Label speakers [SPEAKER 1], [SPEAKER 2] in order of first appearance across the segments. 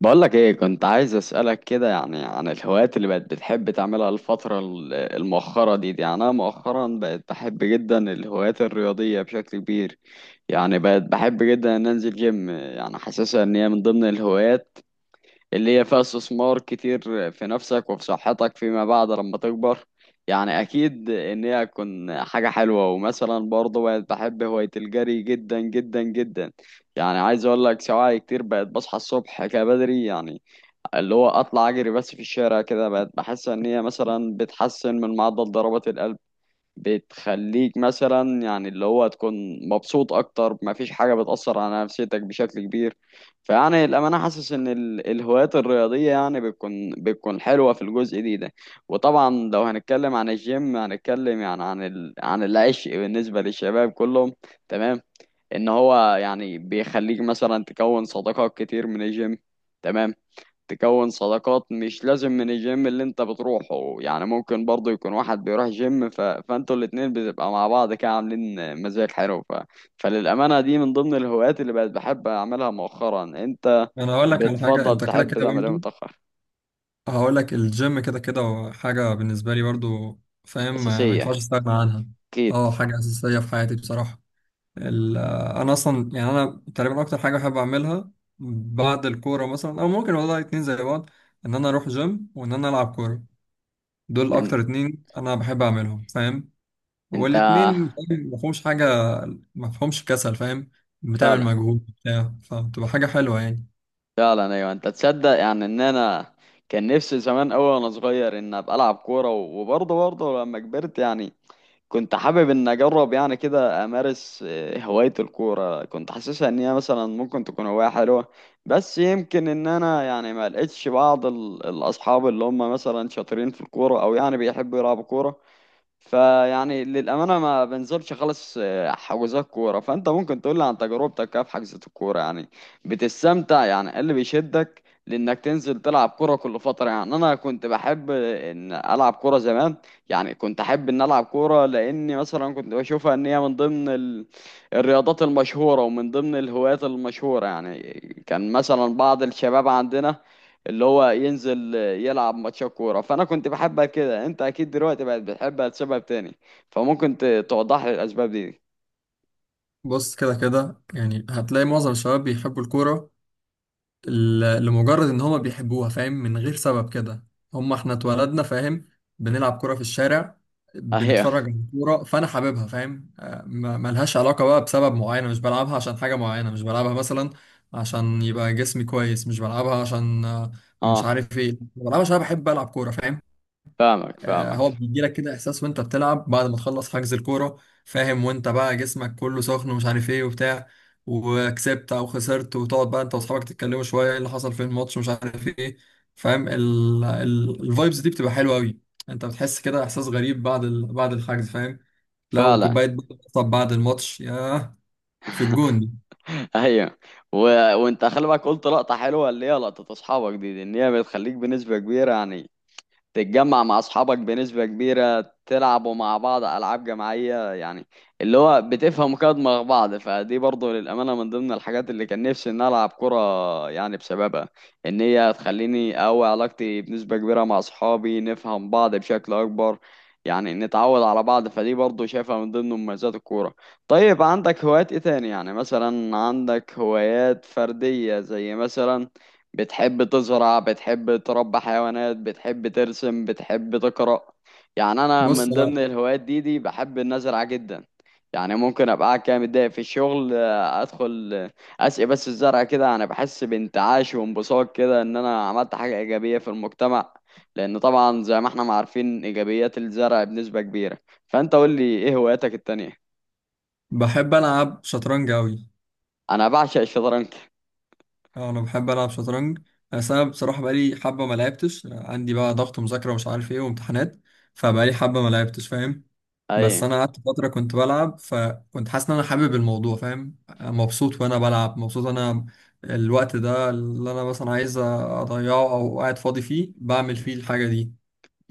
[SPEAKER 1] بقولك ايه، كنت عايز اسألك كده يعني عن الهوايات اللي بقت بتحب تعملها الفترة المؤخرة دي. يعني انا مؤخرا بقت بحب جدا الهوايات الرياضية بشكل كبير. يعني بقت بحب جدا ان انزل جيم، يعني حاسسها ان هي من ضمن الهوايات اللي هي فيها استثمار كتير في نفسك وفي صحتك فيما بعد لما تكبر. يعني اكيد ان هي هتكون حاجة حلوة، ومثلا برضه بقت بحب هواية الجري جدا جدا جدا. يعني عايز اقول لك، سواعي كتير بقت بصحى الصبح كده بدري، يعني اللي هو اطلع اجري بس في الشارع كده، بقت بحس ان هي مثلا بتحسن من معدل ضربات القلب. بتخليك مثلا يعني اللي هو تكون مبسوط اكتر، مفيش حاجة بتأثر على نفسيتك بشكل كبير. فيعني الامانة حاسس ان الهوايات الرياضية يعني بتكون حلوة في الجزء دي ده. وطبعا لو هنتكلم عن الجيم هنتكلم يعني عن عن العشق بالنسبة للشباب كلهم. تمام. ان هو يعني بيخليك مثلا تكون صداقات كتير من الجيم. تمام. تكون صداقات مش لازم من الجيم اللي انت بتروحه، يعني ممكن برضه يكون واحد بيروح جيم، فانتوا الاتنين بتبقى مع بعض كده عاملين مزاج حلو. فللأمانة، دي من ضمن الهوايات اللي بقت بحب أعملها مؤخرا. انت
[SPEAKER 2] انا هقول لك على حاجه.
[SPEAKER 1] بتفضل
[SPEAKER 2] انت كده
[SPEAKER 1] تحب
[SPEAKER 2] كده
[SPEAKER 1] تعمل ايه
[SPEAKER 2] برضو
[SPEAKER 1] متأخر؟
[SPEAKER 2] هقول لك الجيم كده كده هو حاجه بالنسبه لي برضو، فاهم؟ ما ينفعش
[SPEAKER 1] أساسية.
[SPEAKER 2] استغنى عنها.
[SPEAKER 1] أكيد.
[SPEAKER 2] اه، حاجه اساسيه في حياتي بصراحه. انا اصلا يعني انا تقريبا اكتر حاجه بحب اعملها بعد الكوره، مثلا، او ممكن والله اتنين زي بعض، ان انا اروح جيم وان انا العب كوره. دول
[SPEAKER 1] ان...
[SPEAKER 2] اكتر اتنين انا بحب اعملهم، فاهم؟
[SPEAKER 1] انت.
[SPEAKER 2] والاتنين فاهم، ما فيهمش حاجه، ما فيهمش كسل، فاهم؟ بتعمل
[SPEAKER 1] فعلا.
[SPEAKER 2] مجهود بتاع، فبتبقى حاجه حلوه يعني.
[SPEAKER 1] فعلا، ايوه. انت تصدق يعني ان انا كان نفسي زمان قوي وانا صغير ان ابقى العب كوره، وبرضه لما كبرت يعني. كنت حابب ان اجرب يعني كده امارس هواية الكورة. كنت حاسسها ان هي مثلا ممكن تكون هواية حلوة. بس يمكن ان انا يعني ما لقيتش بعض الاصحاب اللي هم مثلا شاطرين في الكورة، او يعني بيحبوا يلعبوا كورة. فيعني للأمانة ما بنزلش خالص حجوزات كورة. فأنت ممكن تقول لي عن تجربتك كده في حجزة الكورة، يعني بتستمتع؟ يعني إيه اللي بيشدك لإنك تنزل تلعب كورة كل فترة؟ يعني أنا كنت بحب إن ألعب كورة زمان. يعني كنت أحب إن ألعب كورة لأني مثلا كنت بشوفها إن هي من ضمن الرياضات المشهورة، ومن ضمن الهوايات المشهورة يعني. كان مثلا بعض الشباب عندنا اللي هو ينزل يلعب ماتشات كورة، فأنا كنت بحبها كده. أنت أكيد دلوقتي بقت بتحبها لسبب تاني. فممكن توضح لي الأسباب دي.
[SPEAKER 2] بص كده كده يعني هتلاقي معظم الشباب بيحبوا الكورة لمجرد ان هما بيحبوها، فاهم؟ من غير سبب كده. هما احنا اتولدنا، فاهم؟ بنلعب كورة في الشارع،
[SPEAKER 1] أهي.
[SPEAKER 2] بنتفرج على الكورة، فانا حاببها، فاهم؟ ملهاش علاقة بقى بسبب معين. مش بلعبها عشان حاجة معينة. مش بلعبها مثلا عشان يبقى جسمي كويس. مش بلعبها عشان مش
[SPEAKER 1] أه.
[SPEAKER 2] عارف ايه. بلعبها عشان انا بحب العب كورة، فاهم؟
[SPEAKER 1] فاهمك
[SPEAKER 2] هو
[SPEAKER 1] فاهمك.
[SPEAKER 2] بيجيلك كده احساس وانت بتلعب بعد ما تخلص حجز الكوره، فاهم؟ وانت بقى جسمك كله سخن ومش عارف ايه وبتاع، وكسبت او خسرت، وتقعد بقى انت واصحابك تتكلموا شويه ايه اللي حصل في الماتش ومش عارف ايه، فاهم؟ الفايبز دي بتبقى حلوه قوي. انت بتحس كده احساس غريب بعد بعد الحجز، فاهم؟ لا
[SPEAKER 1] فعلا.
[SPEAKER 2] وكوبايه بقى طب بعد الماتش، ياه! في الجون دي.
[SPEAKER 1] أهي. و... وأنت خلي بالك، قلت لقطة حلوة اللي هي لقطة أصحابك دي، إن هي بتخليك بنسبة كبيرة، يعني تتجمع مع اصحابك بنسبة كبيرة، تلعبوا مع بعض العاب جماعية، يعني اللي هو بتفهموا كده دماغ بعض. فدي برضو للأمانة من ضمن الحاجات اللي كان نفسي ان العب كرة يعني بسببها، ان هي تخليني اقوي علاقتي بنسبة كبيرة مع اصحابي، نفهم بعض بشكل اكبر، يعني نتعود على بعض. فدي برضو شايفها من ضمن مميزات الكورة. طيب، عندك هوايات ايه تاني؟ يعني مثلا عندك هوايات فردية، زي مثلا بتحب تزرع، بتحب تربي حيوانات، بتحب ترسم، بتحب تقرأ؟ يعني انا
[SPEAKER 2] بص،
[SPEAKER 1] من ضمن
[SPEAKER 2] انا
[SPEAKER 1] الهوايات دي بحب النزرعة جدا. يعني ممكن ابقى قاعد كده متضايق في الشغل، ادخل اسقي بس الزرع كده، انا بحس بانتعاش وانبساط كده ان انا عملت حاجة ايجابية في المجتمع. لان طبعا زي ما احنا ما عارفين ايجابيات الزرع بنسبة كبيرة. فانت قول لي ايه هواياتك التانية؟
[SPEAKER 2] بحب العب شطرنج قوي.
[SPEAKER 1] انا بعشق الشطرنج.
[SPEAKER 2] انا بحب العب شطرنج، بس انا بصراحه بقالي حبه ما لعبتش. عندي بقى ضغط مذاكره ومش عارف ايه وامتحانات، فبقالي حبه ما لعبتش، فاهم؟
[SPEAKER 1] اي.
[SPEAKER 2] بس انا قعدت فتره كنت بلعب، فكنت حاسس ان انا حابب الموضوع، فاهم؟ مبسوط وانا بلعب. مبسوط انا الوقت ده اللي انا مثلا عايز اضيعه او قاعد فاضي فيه بعمل فيه الحاجه دي،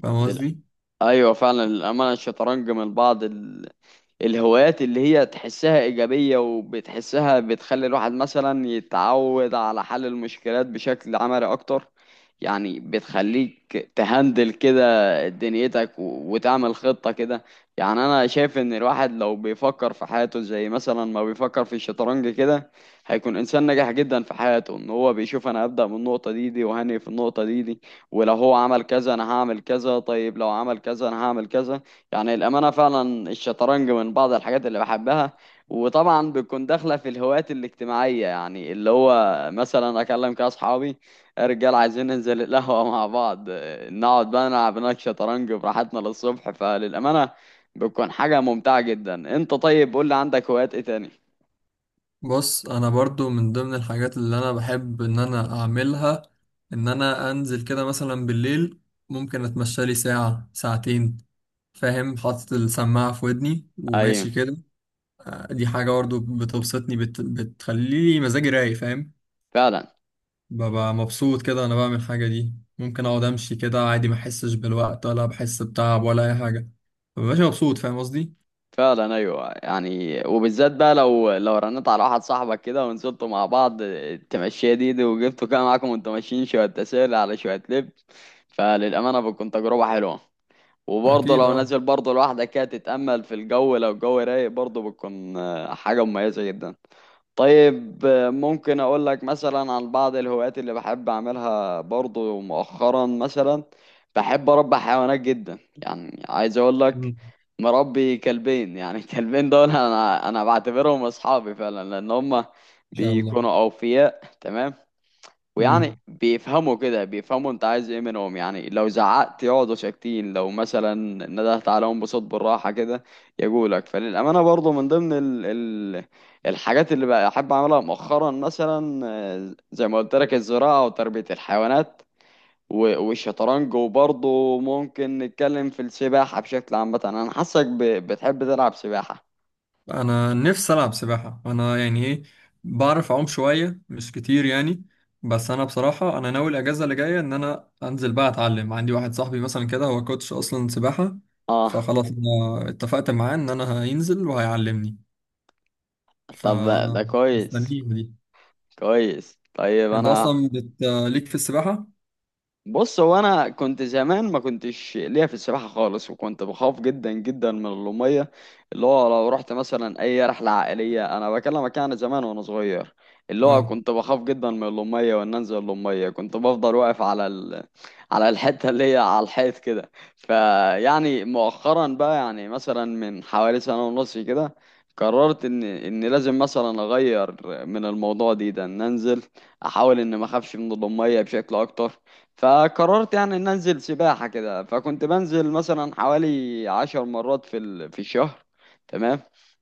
[SPEAKER 2] فاهم
[SPEAKER 1] لل-
[SPEAKER 2] قصدي؟
[SPEAKER 1] ايوه، فعلا، للامانه الشطرنج من بعض الهوايات اللي هي تحسها إيجابية، وبتحسها بتخلي الواحد مثلا يتعود على حل المشكلات بشكل عملي أكتر. يعني بتخليك تهندل كده دنيتك و- وتعمل خطة كده. يعني أنا شايف إن الواحد لو بيفكر في حياته زي مثلا ما بيفكر في الشطرنج كده، هيكون إنسان ناجح جدا في حياته. إن هو بيشوف أنا هبدأ من النقطة دي، وهني في النقطة دي. ولو هو عمل كذا أنا هعمل كذا، طيب لو عمل كذا أنا هعمل كذا. يعني الأمانة فعلا الشطرنج من بعض الحاجات اللي بحبها. وطبعا بتكون داخلة في الهوايات الاجتماعية، يعني اللي هو مثلا أكلم كده أصحابي رجال عايزين ننزل القهوة مع بعض، نقعد بقى نلعب هناك شطرنج براحتنا للصبح. فللأمانة بتكون حاجة ممتعة جدا. أنت طيب قول لي، عندك هوايات إيه تاني؟
[SPEAKER 2] بص، انا برضو من ضمن الحاجات اللي انا بحب ان انا اعملها ان انا انزل كده مثلا بالليل، ممكن اتمشى لي ساعه ساعتين، فاهم؟ حاطط السماعة في ودني
[SPEAKER 1] أيوه.
[SPEAKER 2] وماشي كده. دي حاجة برضه بتبسطني، بتخليلي مزاجي رايق، فاهم؟
[SPEAKER 1] فعلا.
[SPEAKER 2] ببقى مبسوط كده أنا بعمل الحاجة دي. ممكن أقعد أمشي كده عادي ما أحسش بالوقت ولا بحس بتعب ولا أي حاجة. مبقاش مبسوط، فاهم قصدي؟
[SPEAKER 1] فعلا، ايوه، يعني وبالذات بقى لو رنيت على واحد صاحبك كده ونزلتوا مع بعض تمشيه دي، وجبتوا كده معاكم وانتوا ماشيين شويه تسالي على شويه لب، فللامانه بتكون تجربه حلوه. وبرضه
[SPEAKER 2] أكيد،
[SPEAKER 1] لو
[SPEAKER 2] أه.
[SPEAKER 1] نازل برضه لوحدك كده تتامل في الجو، لو الجو رايق برضه بتكون حاجه مميزه جدا. طيب، ممكن اقول لك مثلا عن بعض الهوايات اللي بحب اعملها برضو مؤخرا. مثلا بحب اربي حيوانات جدا، يعني عايز اقول لك
[SPEAKER 2] إن
[SPEAKER 1] مربي كلبين يعني. الكلبين دول انا بعتبرهم اصحابي فعلا، لان هم
[SPEAKER 2] شاء الله.
[SPEAKER 1] بيكونوا اوفياء، تمام. ويعني
[SPEAKER 2] مم.
[SPEAKER 1] بيفهموا كده، بيفهموا انت عايز ايه منهم، يعني لو زعقت يقعدوا ساكتين، لو مثلا ندهت عليهم بصوت بالراحة كده يقولك. فللأمانة برضو من ضمن ال ال الحاجات اللي بحب أعملها مؤخرا، مثلا زي ما قلت لك الزراعة وتربية الحيوانات و- والشطرنج، وبرضه ممكن نتكلم في السباحة بشكل عام. مثلا أنا حاسك ب- بتحب تلعب سباحة.
[SPEAKER 2] انا نفسي العب سباحه. انا يعني ايه، بعرف اعوم شويه مش كتير يعني. بس انا بصراحه انا ناوي الاجازه اللي جايه ان انا انزل بقى اتعلم. عندي واحد صاحبي مثلا كده هو كوتش اصلا سباحه،
[SPEAKER 1] اه.
[SPEAKER 2] فخلاص انا اتفقت معاه ان انا هينزل وهيعلمني. ف
[SPEAKER 1] طب، ده كويس.
[SPEAKER 2] مستنيه دي.
[SPEAKER 1] كويس. طيب
[SPEAKER 2] انت
[SPEAKER 1] انا،
[SPEAKER 2] اصلا ليك في السباحه؟
[SPEAKER 1] بص هو انا كنت زمان ما كنتش ليا في السباحه خالص، وكنت بخاف جدا جدا من الميه. اللي هو لو رحت مثلا اي رحله عائليه، انا بكلمك يعني زمان وانا صغير، اللي هو
[SPEAKER 2] اه.
[SPEAKER 1] كنت بخاف جدا من الميه، وان انزل الميه كنت بفضل واقف على الحته اللي هي على الحيط كده. فيعني مؤخرا بقى يعني مثلا من حوالي سنه ونص كده قررت ان لازم مثلا اغير من الموضوع دي ده، ان انزل احاول ان ما اخافش من الميه بشكل اكتر. فقررت يعني ان انزل سباحة كده، فكنت بنزل مثلا حوالي 10 مرات في الشهر. تمام.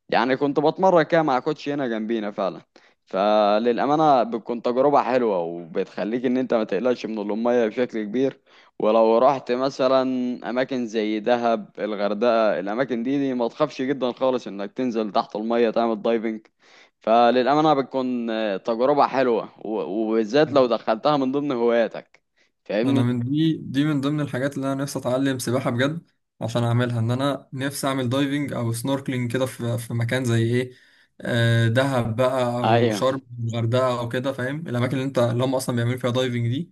[SPEAKER 1] يعني كنت بتمرن كده مع كوتش هنا جنبينا فعلا. فللأمانة بتكون تجربة حلوة، وبتخليك ان انت ما تقلقش من المية بشكل كبير. ولو رحت مثلا اماكن زي دهب، الغردقة، الاماكن دي ما تخافش جدا خالص انك تنزل تحت المية تعمل دايفنج. فللأمانة بتكون تجربة حلوة و- وبالذات لو دخلتها من ضمن هواياتك.
[SPEAKER 2] ما انا
[SPEAKER 1] فاهمني؟
[SPEAKER 2] من دي دي من ضمن الحاجات اللي انا نفسي اتعلم سباحه بجد عشان اعملها. ان انا نفسي اعمل دايفنج او سنوركلينج كده في في مكان زي ايه، دهب بقى او
[SPEAKER 1] ايوه،
[SPEAKER 2] شرم الغردقه او كده، فاهم؟ الاماكن اللي انت اللي هم اصلا بيعملوا فيها دايفنج دي،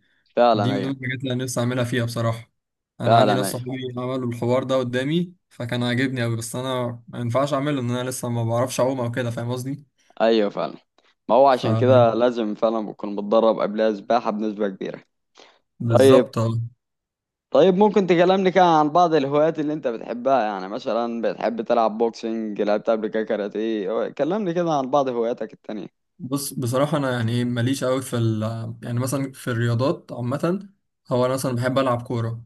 [SPEAKER 2] دي
[SPEAKER 1] فعلا.
[SPEAKER 2] من ضمن
[SPEAKER 1] ايوه،
[SPEAKER 2] الحاجات اللي انا نفسي اعملها فيها بصراحه. انا عندي
[SPEAKER 1] فعلا.
[SPEAKER 2] ناس
[SPEAKER 1] ايوه.
[SPEAKER 2] صحابي عملوا الحوار ده قدامي فكان عاجبني قوي، بس انا ما ينفعش اعمله ان انا لسه ما بعرفش اعوم او كده، فاهم قصدي؟
[SPEAKER 1] ايوه، فعلا، ما هو
[SPEAKER 2] ف
[SPEAKER 1] عشان كده لازم فعلا بكون متدرب قبلها سباحة بنسبة كبيرة. طيب،
[SPEAKER 2] بالظبط.
[SPEAKER 1] طيب. ممكن تكلمني كده عن بعض الهوايات اللي انت بتحبها؟ يعني مثلا بتحب تلعب بوكسنج، لعبت قبل كده كاراتيه؟ كلمني كده عن بعض هواياتك التانية.
[SPEAKER 2] بص، بصراحة أنا يعني إيه، ماليش أوي في ال يعني مثلا في الرياضات عامة. هو أنا مثلا بحب ألعب كورة.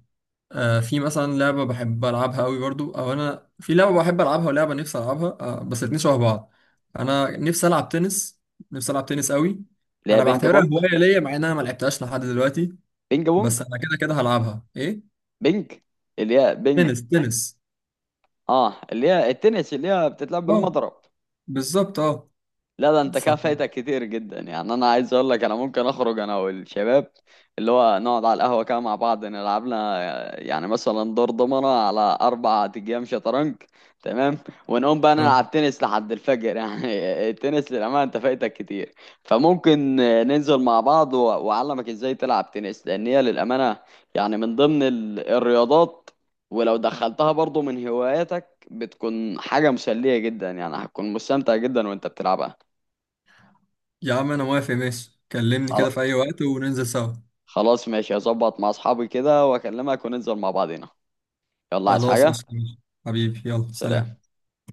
[SPEAKER 2] آه، في مثلا لعبة بحب ألعبها أوي برضو. أو أنا في لعبة بحب ألعبها ولعبة نفسي ألعبها، آه، بس الاتنين شبه بعض. أنا نفسي ألعب تنس، نفسي ألعب تنس أوي.
[SPEAKER 1] اللي هي
[SPEAKER 2] أنا
[SPEAKER 1] بينج
[SPEAKER 2] بعتبرها
[SPEAKER 1] بونج.
[SPEAKER 2] هواية ليا مع إن أنا ملعبتهاش لحد دلوقتي،
[SPEAKER 1] بينج بونج.
[SPEAKER 2] بس أنا كده كده هلعبها. إيه؟
[SPEAKER 1] بينج. اللي هي بينج.
[SPEAKER 2] تنس، تنس.
[SPEAKER 1] اه، اللي هي التنس، اللي هي بتتلعب
[SPEAKER 2] أه،
[SPEAKER 1] بالمضرب.
[SPEAKER 2] بالظبط، أه.
[SPEAKER 1] لا، ده انت
[SPEAKER 2] ف
[SPEAKER 1] كده فايتك كتير جدا. يعني انا عايز اقول لك، انا ممكن اخرج انا والشباب، اللي هو نقعد على القهوه كده مع بعض، نلعب لنا يعني مثلا دور ضمنه على 4 ايام شطرنج، تمام، ونقوم بقى
[SPEAKER 2] آه.
[SPEAKER 1] نلعب تنس لحد الفجر. يعني التنس للامانه انت فايتك كتير. فممكن ننزل مع بعض و- واعلمك ازاي تلعب تنس، لان هي للامانه يعني من ضمن الرياضات. ولو دخلتها برضو من هواياتك بتكون حاجة مسلية جدا، يعني هتكون مستمتع جدا وانت بتلعبها.
[SPEAKER 2] يا عم أنا موافق، ماشي، كلمني
[SPEAKER 1] خل-
[SPEAKER 2] كده في أي وقت وننزل سوا.
[SPEAKER 1] خلاص، ماشي، هظبط مع اصحابي كده واكلمك وننزل مع بعضينا. يلا، عايز
[SPEAKER 2] خلاص،
[SPEAKER 1] حاجة؟
[SPEAKER 2] قشطة. حبيبي، يلا،
[SPEAKER 1] سلام.
[SPEAKER 2] سلام.